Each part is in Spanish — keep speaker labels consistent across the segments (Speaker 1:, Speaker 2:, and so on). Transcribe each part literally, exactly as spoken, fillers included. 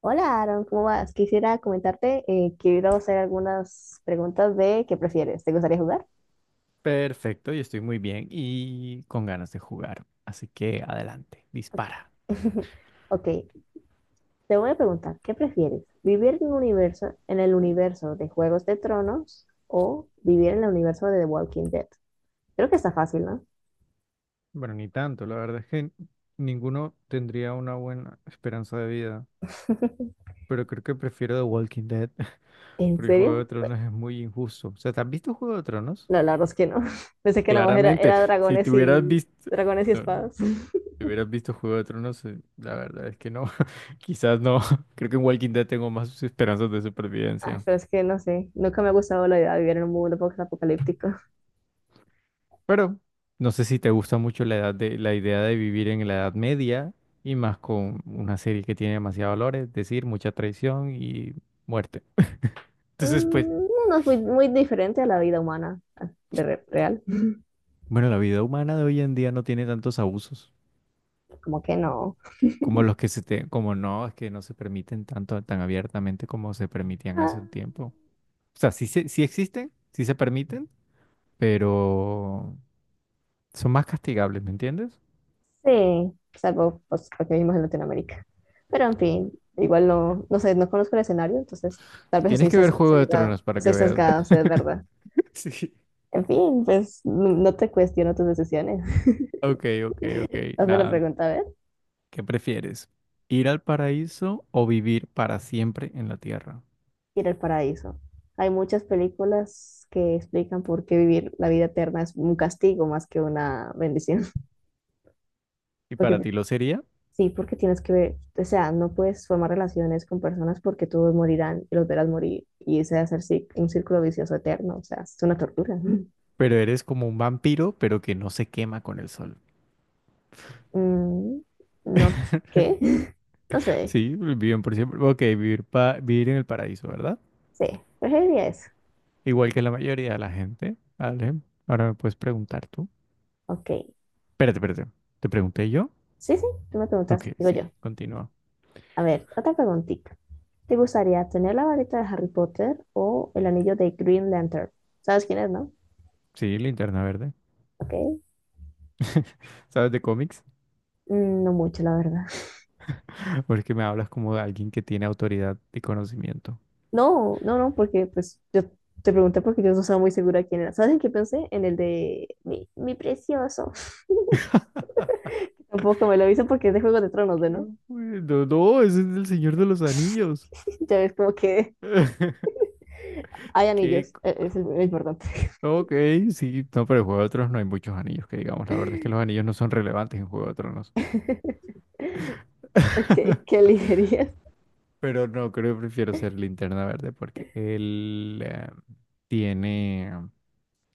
Speaker 1: Hola, Aaron, ¿cómo vas? Quisiera comentarte, eh, quiero hacer algunas preguntas de ¿qué prefieres? ¿Te gustaría jugar?
Speaker 2: Perfecto, yo estoy muy bien y con ganas de jugar. Así que adelante, dispara.
Speaker 1: Ok, te voy a preguntar, ¿qué prefieres? ¿Vivir en un universo, en el universo de Juegos de Tronos o vivir en el universo de The Walking Dead? Creo que está fácil, ¿no?
Speaker 2: Bueno, ni tanto, la verdad es que ninguno tendría una buena esperanza de vida, pero creo que prefiero The Walking Dead,
Speaker 1: ¿En
Speaker 2: porque Juego de
Speaker 1: serio?
Speaker 2: Tronos es muy injusto. O sea, ¿te has visto Juego de Tronos?
Speaker 1: No, la verdad es que no. Pensé que nada más era,
Speaker 2: Claramente,
Speaker 1: era
Speaker 2: si te
Speaker 1: dragones
Speaker 2: hubieras
Speaker 1: y
Speaker 2: visto,
Speaker 1: dragones y
Speaker 2: no, no,
Speaker 1: espadas.
Speaker 2: si hubieras visto Juego de Tronos, eh, la verdad es que no, quizás no. Creo que en Walking Dead tengo más esperanzas de
Speaker 1: Ay,
Speaker 2: supervivencia.
Speaker 1: pero es que no sé, nunca me ha gustado la idea de vivir en un mundo post-apocalíptico.
Speaker 2: Pero no sé si te gusta mucho la edad de, la idea de vivir en la Edad Media y más con una serie que tiene demasiados valores, es decir, mucha traición y muerte. Entonces,
Speaker 1: Mm,
Speaker 2: pues,
Speaker 1: no no es muy, muy diferente a la vida humana ah, de re- real.
Speaker 2: bueno, la vida humana de hoy en día no tiene tantos abusos
Speaker 1: Como que no.
Speaker 2: como los que se te, como no, es que no se permiten tanto tan abiertamente como se permitían
Speaker 1: Ah,
Speaker 2: hace un tiempo. O sea, sí, se- sí existen, sí se permiten, pero son más castigables, ¿me entiendes?
Speaker 1: sí, salvo pues, porque vivimos en Latinoamérica. Pero en fin, igual no, no sé, no conozco el escenario, entonces tal vez soy
Speaker 2: Tienes que ver
Speaker 1: sas-
Speaker 2: Juego de Tronos
Speaker 1: sesgada,
Speaker 2: para que
Speaker 1: soy
Speaker 2: veas.
Speaker 1: sesgada, o sea, es verdad.
Speaker 2: Sí.
Speaker 1: En fin, pues n- no te cuestiono tus decisiones.
Speaker 2: Ok, ok, ok.
Speaker 1: Hazme la
Speaker 2: Nada.
Speaker 1: pregunta, a ver.
Speaker 2: ¿Qué prefieres? ¿Ir al paraíso o vivir para siempre en la tierra?
Speaker 1: Ir al paraíso. Hay muchas películas que explican por qué vivir la vida eterna es un castigo más que una bendición.
Speaker 2: Y
Speaker 1: Porque
Speaker 2: para ti lo sería,
Speaker 1: sí, porque tienes que ver, o sea, no puedes formar relaciones con personas porque todos morirán y los verás morir y ese va a ser sí- un círculo vicioso eterno, o sea, es una tortura. Mm.
Speaker 2: pero eres como un vampiro, pero que no se quema con el sol.
Speaker 1: Mm, no, ¿qué? No sé,
Speaker 2: Sí, viven por siempre. Ok, vivir, pa- vivir en el paraíso, ¿verdad?
Speaker 1: sí, preferiría eso.
Speaker 2: Igual que la mayoría de la gente. Vale, ahora me puedes preguntar tú.
Speaker 1: Ok,
Speaker 2: Espérate, espérate. ¿Te pregunté yo?
Speaker 1: sí, sí, tú me preguntas,
Speaker 2: Ok,
Speaker 1: digo
Speaker 2: sí,
Speaker 1: yo.
Speaker 2: continúa.
Speaker 1: A ver, otra preguntita. ¿Te gustaría tener la varita de Harry Potter o el anillo de Green Lantern? ¿Sabes quién es, no?
Speaker 2: Sí, linterna verde.
Speaker 1: Ok,
Speaker 2: ¿Sabes de cómics?
Speaker 1: mm, no mucho, la verdad.
Speaker 2: Porque me hablas como de alguien que tiene autoridad y conocimiento.
Speaker 1: No, no, no, porque pues yo te pregunté porque yo no estaba muy segura quién era. ¿Sabes en qué pensé? En el de mi, mi precioso. Tampoco me lo hizo porque es de Juego de Tronos, ¿de
Speaker 2: Qué
Speaker 1: no?
Speaker 2: bueno. No, ese es el Señor de los Anillos.
Speaker 1: Ya ves, como que hay
Speaker 2: Qué
Speaker 1: anillos,
Speaker 2: co-
Speaker 1: e- es lo importante.
Speaker 2: Ok, sí, no, pero en Juego de Tronos no hay muchos anillos que digamos. La verdad es que los anillos no son relevantes en Juego de Tronos.
Speaker 1: Ok, ¿qué elegirías?
Speaker 2: Pero no, creo que prefiero ser Linterna Verde porque él eh, tiene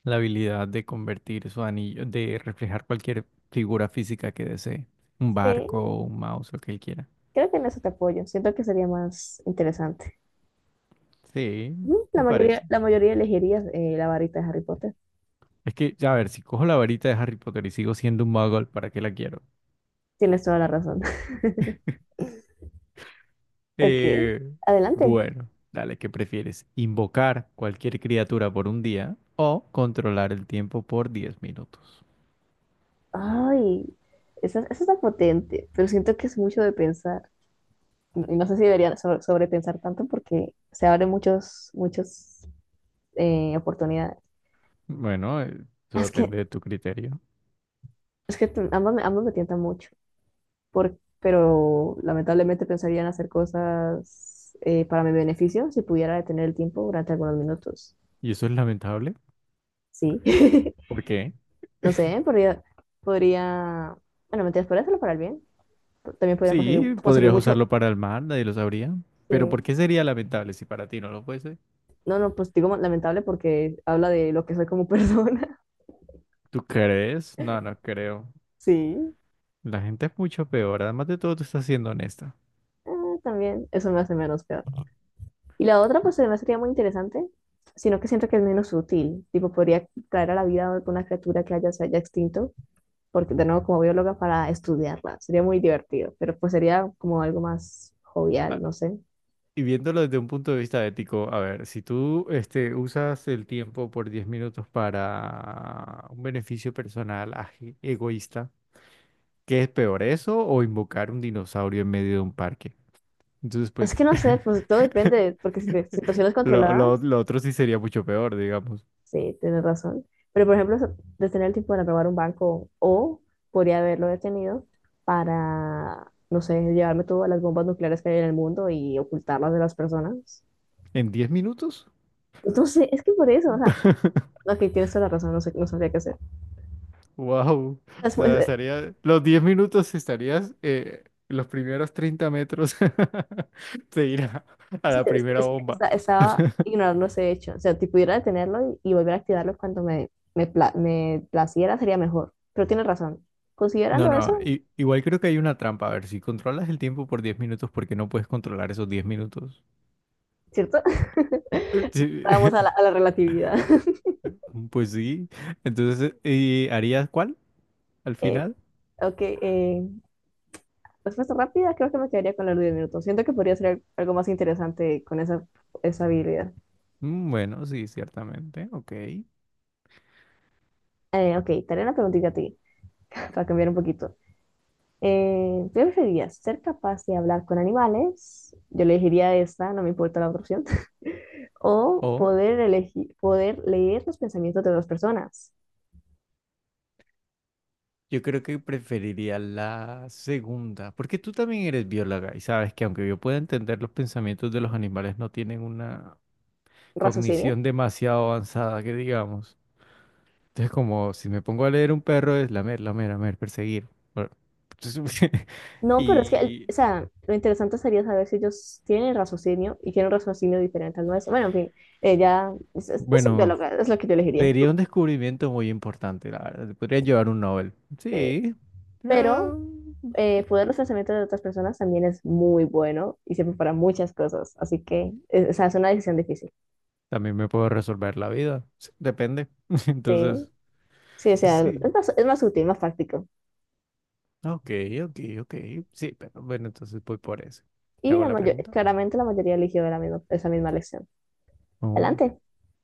Speaker 2: la habilidad de convertir su anillo, de reflejar cualquier figura física que desee. Un
Speaker 1: Sí,
Speaker 2: barco, un mouse, lo que él quiera.
Speaker 1: creo que en eso te apoyo. Siento que sería más interesante.
Speaker 2: Sí,
Speaker 1: Ujú, la
Speaker 2: me parece.
Speaker 1: mayoría, la mayoría elegirías eh, la varita de Harry Potter.
Speaker 2: Es que, ya a ver, si cojo la varita de Harry Potter y sigo siendo un muggle, ¿para qué la quiero?
Speaker 1: Tienes toda la razón. Ok,
Speaker 2: Eh,
Speaker 1: adelante.
Speaker 2: bueno, dale, ¿qué prefieres? ¿Invocar cualquier criatura por un día o controlar el tiempo por diez minutos?
Speaker 1: Ay, esa, esa está potente, pero siento que es mucho de pensar. Y no sé si deberían sobre- sobrepensar tanto porque se abren muchos, muchas eh, oportunidades.
Speaker 2: Bueno, eh, eso
Speaker 1: Es que,
Speaker 2: depende de tu criterio.
Speaker 1: es que t- ambos, me- ambos me tientan mucho, por- pero lamentablemente pensaría en hacer cosas eh, para mi beneficio si pudiera detener el tiempo durante algunos minutos.
Speaker 2: Y eso es lamentable.
Speaker 1: Sí,
Speaker 2: ¿Por qué?
Speaker 1: no sé, podría, podría, bueno, mentiras, podría hacerlo para el bien. También podría conseguir,
Speaker 2: Sí,
Speaker 1: conseguir
Speaker 2: podrías
Speaker 1: mucho,
Speaker 2: usarlo para el mal, nadie lo sabría. Pero ¿por
Speaker 1: sí.
Speaker 2: qué sería lamentable si para ti no lo fuese?
Speaker 1: No, no, pues digo lamentable porque habla de lo que soy como persona.
Speaker 2: ¿Tú crees? No, no creo.
Speaker 1: Sí.
Speaker 2: La gente es mucho peor. Además de todo, tú estás siendo honesta.
Speaker 1: Ah, también, eso me hace menos peor. Y la otra, pues además sería muy interesante, sino que siento que es menos útil. Tipo, podría traer a la vida alguna criatura que haya, se haya extinto, porque de nuevo, como bióloga, para estudiarla. Sería muy divertido, pero pues sería como algo más jovial, no sé.
Speaker 2: Y viéndolo desde un punto de vista ético, a ver, si tú este, usas el tiempo por diez minutos para un beneficio personal aje- egoísta, ¿qué es peor, eso o invocar un dinosaurio en medio de un parque? Entonces,
Speaker 1: Es
Speaker 2: pues,
Speaker 1: que no sé, pues todo depende, porque si te- situaciones
Speaker 2: lo, lo-
Speaker 1: controladas,
Speaker 2: lo otro sí sería mucho peor, digamos.
Speaker 1: sí, tienes razón. Pero, por ejemplo, eso- detener el tipo para robar un banco o podría haberlo detenido para, no sé, llevarme todas las bombas nucleares que hay en el mundo y ocultarlas de las personas.
Speaker 2: ¿En diez minutos?
Speaker 1: Entonces, es que por eso, o sea, ok, tienes toda la razón, no sé, no sabría qué hacer.
Speaker 2: ¡Wow!
Speaker 1: Es,
Speaker 2: O
Speaker 1: pues,
Speaker 2: sea,
Speaker 1: eh,
Speaker 2: estaría, los diez minutos estarías eh, los primeros treinta metros de irá a
Speaker 1: sí,
Speaker 2: la
Speaker 1: es que,
Speaker 2: primera
Speaker 1: es que
Speaker 2: bomba.
Speaker 1: esta- estaba ignorando ese hecho. O sea, si pudiera detenerlo y, y volver a activarlo cuando me, me, pla- me placiera, sería mejor. Pero tienes razón.
Speaker 2: No,
Speaker 1: Considerando
Speaker 2: no,
Speaker 1: eso,
Speaker 2: i- igual creo que hay una trampa. A ver, si controlas el tiempo por diez minutos, ¿por qué no puedes controlar esos diez minutos?
Speaker 1: ¿cierto?
Speaker 2: Sí,
Speaker 1: Vamos a la, a la relatividad.
Speaker 2: Pues sí. Entonces, ¿y harías cuál al
Speaker 1: Eh,
Speaker 2: final?
Speaker 1: Ok, eh, respuesta rápida, creo que me quedaría con los diez minutos. Siento que podría ser algo más interesante con esa, esa habilidad.
Speaker 2: Mm, Bueno, sí, ciertamente. Ok.
Speaker 1: Eh, ok, te haré una preguntita a ti, para cambiar un poquito. Eh, ¿qué preferirías? ¿Ser capaz de hablar con animales? Yo elegiría esta, no me importa la otra opción. ¿O
Speaker 2: O
Speaker 1: poder elegir, poder leer los pensamientos de las personas?
Speaker 2: yo creo que preferiría la segunda, porque tú también eres bióloga y sabes que aunque yo pueda entender los pensamientos de los animales, no tienen una cognición demasiado avanzada, que digamos. Entonces, como si me pongo a leer un perro, es lamer, lamer, lamer, perseguir. Bueno,
Speaker 1: No, pero es que, el- o
Speaker 2: y
Speaker 1: sea, lo interesante sería saber si ellos tienen raciocinio y tienen un raciocinio diferente al nuestro. Bueno, en fin, ella es, es, es
Speaker 2: bueno,
Speaker 1: bióloga, es lo que yo elegiría.
Speaker 2: sería un descubrimiento muy importante, la verdad. Podría llevar un Nobel.
Speaker 1: Sí.
Speaker 2: Sí. eh,
Speaker 1: Pero eh, poder los pensamientos de otras personas también es muy bueno y sirve para muchas cosas. Así que, eh, o sea, es una decisión difícil.
Speaker 2: También me puedo resolver la vida. Sí, depende.
Speaker 1: Sí,
Speaker 2: Entonces,
Speaker 1: sí, o sea, es
Speaker 2: sí.
Speaker 1: más, es más útil, más práctico.
Speaker 2: Ok, ok, ok. Sí, pero bueno, entonces voy por eso. ¿Te
Speaker 1: Y
Speaker 2: hago
Speaker 1: la
Speaker 2: la
Speaker 1: mayo-
Speaker 2: pregunta?
Speaker 1: claramente la mayoría eligió la misma, esa misma lección.
Speaker 2: Oh.
Speaker 1: Adelante.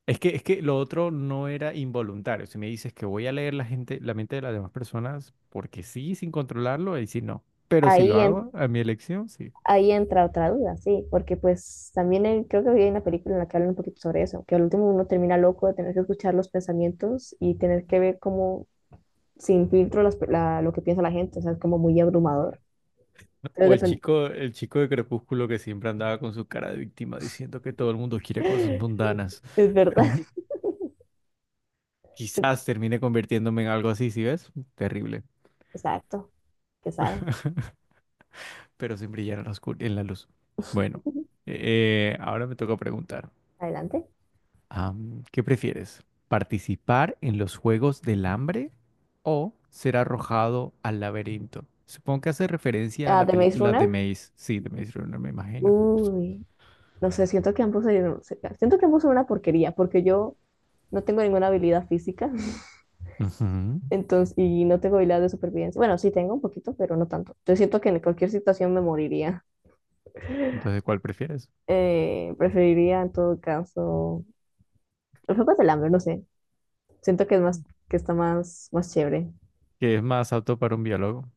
Speaker 2: Es que, es que lo otro no era involuntario. Si me dices que voy a leer la gente, la mente de las demás personas, porque sí, sin controlarlo, ahí sí no. Pero si lo
Speaker 1: Ahí en
Speaker 2: hago a mi elección, sí.
Speaker 1: Ahí entra otra duda, sí, porque pues también hay- creo que había una película en la que hablan un poquito sobre eso, que al último uno termina loco de tener que escuchar los pensamientos y tener que ver cómo sin filtro las pe- la- lo que piensa la gente, o sea, es como muy abrumador.
Speaker 2: O
Speaker 1: Entonces,
Speaker 2: el
Speaker 1: depen-
Speaker 2: chico, el chico de Crepúsculo que siempre andaba con su cara de víctima diciendo que todo el mundo quiere cosas
Speaker 1: es
Speaker 2: mundanas.
Speaker 1: verdad.
Speaker 2: Quizás termine convirtiéndome en algo así, ¿sí ves? Terrible.
Speaker 1: Exacto, que sabe.
Speaker 2: Pero sin brillar en la oscur- en la luz. Bueno, eh, eh, ahora me toca preguntar.
Speaker 1: Adelante.
Speaker 2: Am, ¿qué prefieres? ¿Participar en los Juegos del Hambre o ser arrojado al laberinto? Supongo que hace referencia a
Speaker 1: Ah,
Speaker 2: la
Speaker 1: The Maze
Speaker 2: película
Speaker 1: Runner.
Speaker 2: The Maze. Sí, The Maze Runner, me imagino.
Speaker 1: Uy, no sé, siento que ambos, se- se- siento que ambos son una porquería, porque yo no tengo ninguna habilidad física.
Speaker 2: Ujú.
Speaker 1: Entonces, y no tengo habilidades de supervivencia. Bueno, sí tengo un poquito, pero no tanto. Yo siento que en cualquier situación me moriría.
Speaker 2: Entonces, ¿cuál prefieres?
Speaker 1: Eh, preferiría en todo caso los juegos del hambre, no sé. Siento que es más, que está más, más chévere.
Speaker 2: ¿Qué es más apto para un biólogo?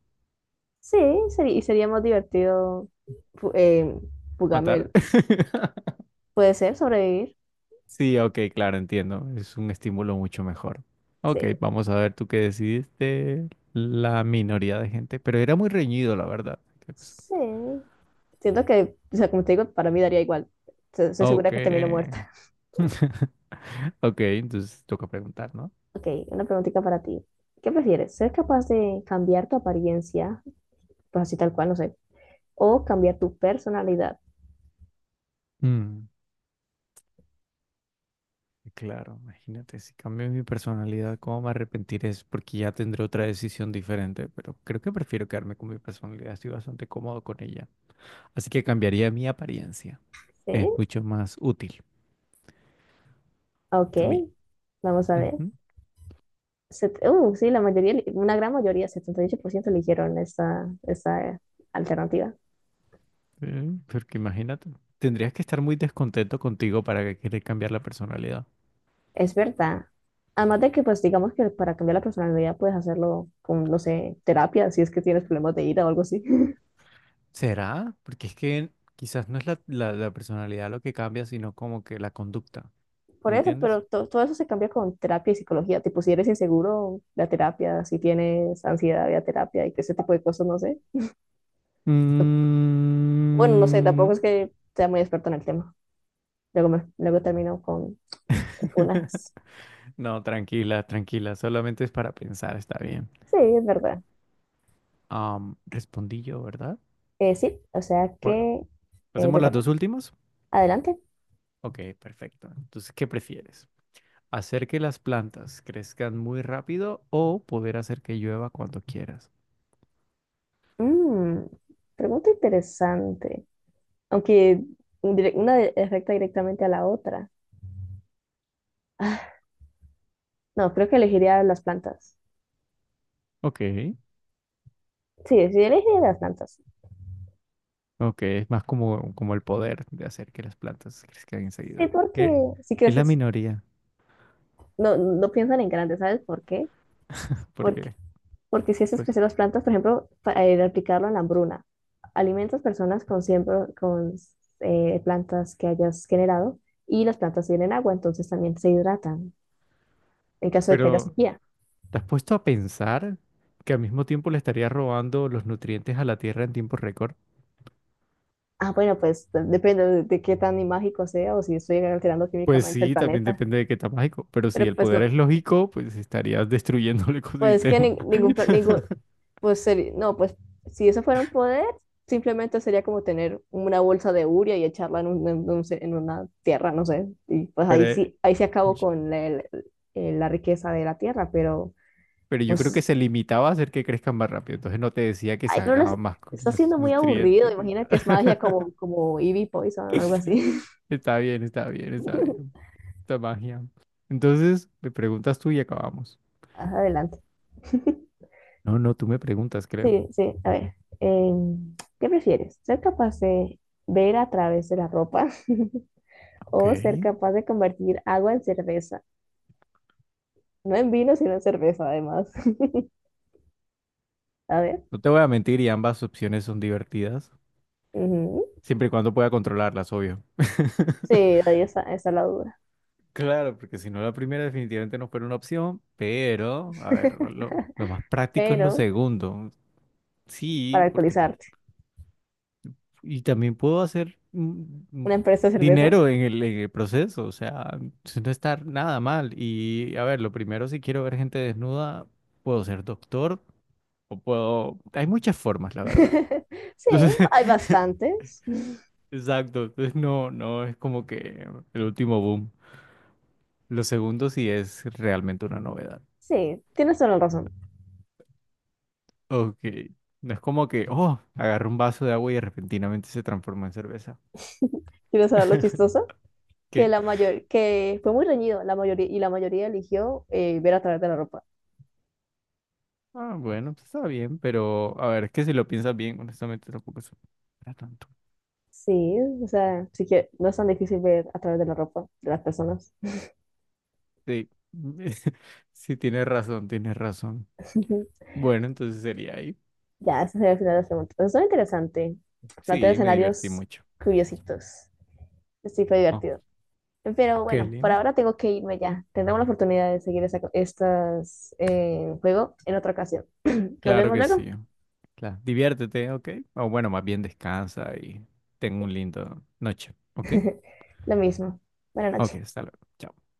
Speaker 1: Sí, sería, y sería más divertido fu- eh, fugarme
Speaker 2: ¿Matar?
Speaker 1: el- puede ser sobrevivir.
Speaker 2: Sí, ok, claro, entiendo. Es un estímulo mucho mejor. Ok,
Speaker 1: Sí,
Speaker 2: vamos a ver tú qué decidiste. La minoría de gente, pero era muy reñido, la verdad.
Speaker 1: sí. Siento que, o sea, como te digo, para mí daría igual. Se- Estoy segura
Speaker 2: Ok.
Speaker 1: que termino muerta.
Speaker 2: Ok, entonces toca preguntar, ¿no?
Speaker 1: Ok, una preguntita para ti. ¿Qué prefieres? ¿Ser capaz de cambiar tu apariencia, pues así tal cual, no sé, o cambia tu personalidad.
Speaker 2: Mm, claro, imagínate, si cambio mi personalidad, ¿cómo me arrepentiré? Es porque ya tendré otra decisión diferente, pero creo que prefiero quedarme con mi personalidad, estoy bastante cómodo con ella. Así que cambiaría mi apariencia,
Speaker 1: ¿Sí?
Speaker 2: es mucho más útil
Speaker 1: Ok,
Speaker 2: to me.
Speaker 1: vamos a ver.
Speaker 2: Ujú,
Speaker 1: Set- uh, sí, la mayoría, una gran mayoría, setenta y ocho por ciento eligieron esta, esta eh, alternativa.
Speaker 2: eh, porque imagínate, tendrías que estar muy descontento contigo para que querer cambiar la personalidad.
Speaker 1: Es verdad. Además de que, pues, digamos que para cambiar la personalidad puedes hacerlo con, no sé, terapia, si es que tienes problemas de ira o algo así.
Speaker 2: ¿Será? Porque es que quizás no es la, la la personalidad lo que cambia, sino como que la conducta, ¿sí?,
Speaker 1: Por
Speaker 2: ¿me
Speaker 1: eso,
Speaker 2: entiendes?
Speaker 1: pero to- todo eso se cambia con terapia y psicología. Tipo, si eres inseguro, la terapia, si tienes ansiedad, la terapia y que ese tipo de cosas, no sé. Bueno, no sé,
Speaker 2: Mm.
Speaker 1: tampoco es que sea muy experto en el tema. Luego, luego termino con funas.
Speaker 2: No, tranquila, tranquila, solamente es para pensar, está bien.
Speaker 1: Sí, es verdad.
Speaker 2: Am, respondí yo, ¿verdad?
Speaker 1: Eh, sí, o sea
Speaker 2: Bueno,
Speaker 1: que eh,
Speaker 2: ¿hacemos
Speaker 1: te
Speaker 2: las
Speaker 1: toca.
Speaker 2: dos últimas?
Speaker 1: Adelante.
Speaker 2: Ok, perfecto. Entonces, ¿qué prefieres? ¿Hacer que las plantas crezcan muy rápido o poder hacer que llueva cuando quieras?
Speaker 1: Mm, pregunta interesante. Aunque un dire- una de- afecta directamente a la otra. Ah, no, creo que elegiría las plantas.
Speaker 2: Ok,
Speaker 1: Sí, sí, elegiría las plantas.
Speaker 2: ok, es más como, como el poder de hacer que las plantas crezcan
Speaker 1: Sí,
Speaker 2: enseguida.
Speaker 1: porque
Speaker 2: Eh,
Speaker 1: si
Speaker 2: Es la
Speaker 1: creces,
Speaker 2: minoría,
Speaker 1: no, no piensan en grande, ¿sabes por qué? Porque
Speaker 2: porque,
Speaker 1: Porque si haces
Speaker 2: pues,
Speaker 1: crecer las plantas, por ejemplo, para eh, replicarlo en la hambruna, alimentas personas con, siempre, con eh, plantas que hayas generado y las plantas tienen agua, entonces también se hidratan en caso de que haya
Speaker 2: pero
Speaker 1: sequía.
Speaker 2: ¿te has puesto a pensar que al mismo tiempo le estaría robando los nutrientes a la Tierra en tiempo récord?
Speaker 1: Ah, bueno, pues de- depende de, de qué tan mágico sea o si estoy alterando
Speaker 2: Pues
Speaker 1: químicamente el
Speaker 2: sí, también
Speaker 1: planeta.
Speaker 2: depende de qué tan mágico. Pero si
Speaker 1: Pero
Speaker 2: el
Speaker 1: pues
Speaker 2: poder
Speaker 1: no,
Speaker 2: es lógico, pues estarías destruyendo el
Speaker 1: pues que
Speaker 2: ecosistema.
Speaker 1: ni- ningún, pla- ningún, Pues seri- no, pues si eso fuera un poder, simplemente sería como tener una bolsa de urea y echarla en, un- en un- en una tierra, no sé. Y pues
Speaker 2: Pero,
Speaker 1: ahí
Speaker 2: eh,
Speaker 1: sí, ahí se
Speaker 2: y-
Speaker 1: acabó con la, el- el- la riqueza de la tierra, pero
Speaker 2: pero yo creo que
Speaker 1: pues,
Speaker 2: se limitaba a hacer que crezcan más rápido. Entonces no te decía que
Speaker 1: ay, pero les-
Speaker 2: sacaban más, cu-
Speaker 1: está
Speaker 2: más
Speaker 1: siendo muy aburrido.
Speaker 2: nutrientes, ni
Speaker 1: Imagina que es magia
Speaker 2: nada.
Speaker 1: como, como Eevee Poison o algo así.
Speaker 2: Está bien, está bien, está bien. Esta magia. Entonces, me preguntas tú y acabamos.
Speaker 1: Ajá, adelante.
Speaker 2: No, no, tú me preguntas, creo.
Speaker 1: Sí, sí, a ver. Em, ¿qué prefieres? ¿Ser capaz de ver a través de la ropa
Speaker 2: Ok.
Speaker 1: o ser capaz de convertir agua en cerveza? No en vino, sino en cerveza, además. A ver.
Speaker 2: No te voy a mentir y ambas opciones son divertidas,
Speaker 1: Ujú.
Speaker 2: siempre y cuando pueda controlarlas, obvio.
Speaker 1: Sí, ahí está, ahí está la duda.
Speaker 2: Claro, porque si no la primera definitivamente no fuera una opción, pero, a ver, lo, lo más práctico es lo
Speaker 1: Pero
Speaker 2: segundo.
Speaker 1: para
Speaker 2: Sí, porque,
Speaker 1: alcoholizarte,
Speaker 2: y también puedo hacer mm, mm,
Speaker 1: una empresa de cerveza.
Speaker 2: dinero en el, en el proceso, o sea, sin no está nada mal. Y, a ver, lo primero, si quiero ver gente desnuda, puedo ser doctor o puedo... Hay muchas formas, la verdad.
Speaker 1: Sí,
Speaker 2: Entonces,
Speaker 1: hay bastantes.
Speaker 2: exacto, entonces no, no es como que el último boom. Lo segundo sí es realmente una novedad.
Speaker 1: Sí, tienes toda la razón.
Speaker 2: Ok, no es como que, oh, agarró un vaso de agua y repentinamente se transformó en cerveza.
Speaker 1: ¿Quieres saber lo chistoso? Que
Speaker 2: ¿Qué?
Speaker 1: la mayor, que fue muy reñido, la mayoría y la mayoría eligió eh, ver a través de la ropa.
Speaker 2: Ah, bueno, pues está bien, pero a ver, es que si lo piensas bien, honestamente tampoco es para tanto.
Speaker 1: Sí, o sea, sí que no es tan difícil ver a través de la ropa de las personas.
Speaker 2: Sí, sí, tienes razón, tienes razón. Bueno, entonces sería ahí.
Speaker 1: Ya, ese sería el final de las preguntas. Eso es interesante. Plantea
Speaker 2: Sí, me divertí
Speaker 1: escenarios
Speaker 2: mucho.
Speaker 1: curiositos. Sí, fue
Speaker 2: Oh,
Speaker 1: divertido. Pero
Speaker 2: ok,
Speaker 1: bueno, por
Speaker 2: Lina.
Speaker 1: ahora tengo que irme ya. Tendremos la oportunidad de seguir esta, estas, eh, juego en otra ocasión. Nos
Speaker 2: Claro
Speaker 1: vemos
Speaker 2: que
Speaker 1: luego.
Speaker 2: sí. Claro. Diviértete, ¿ok? O bueno, más bien descansa y ten un lindo noche, ¿ok?
Speaker 1: Lo mismo. Buenas
Speaker 2: Ok,
Speaker 1: noches.
Speaker 2: hasta luego. Chao.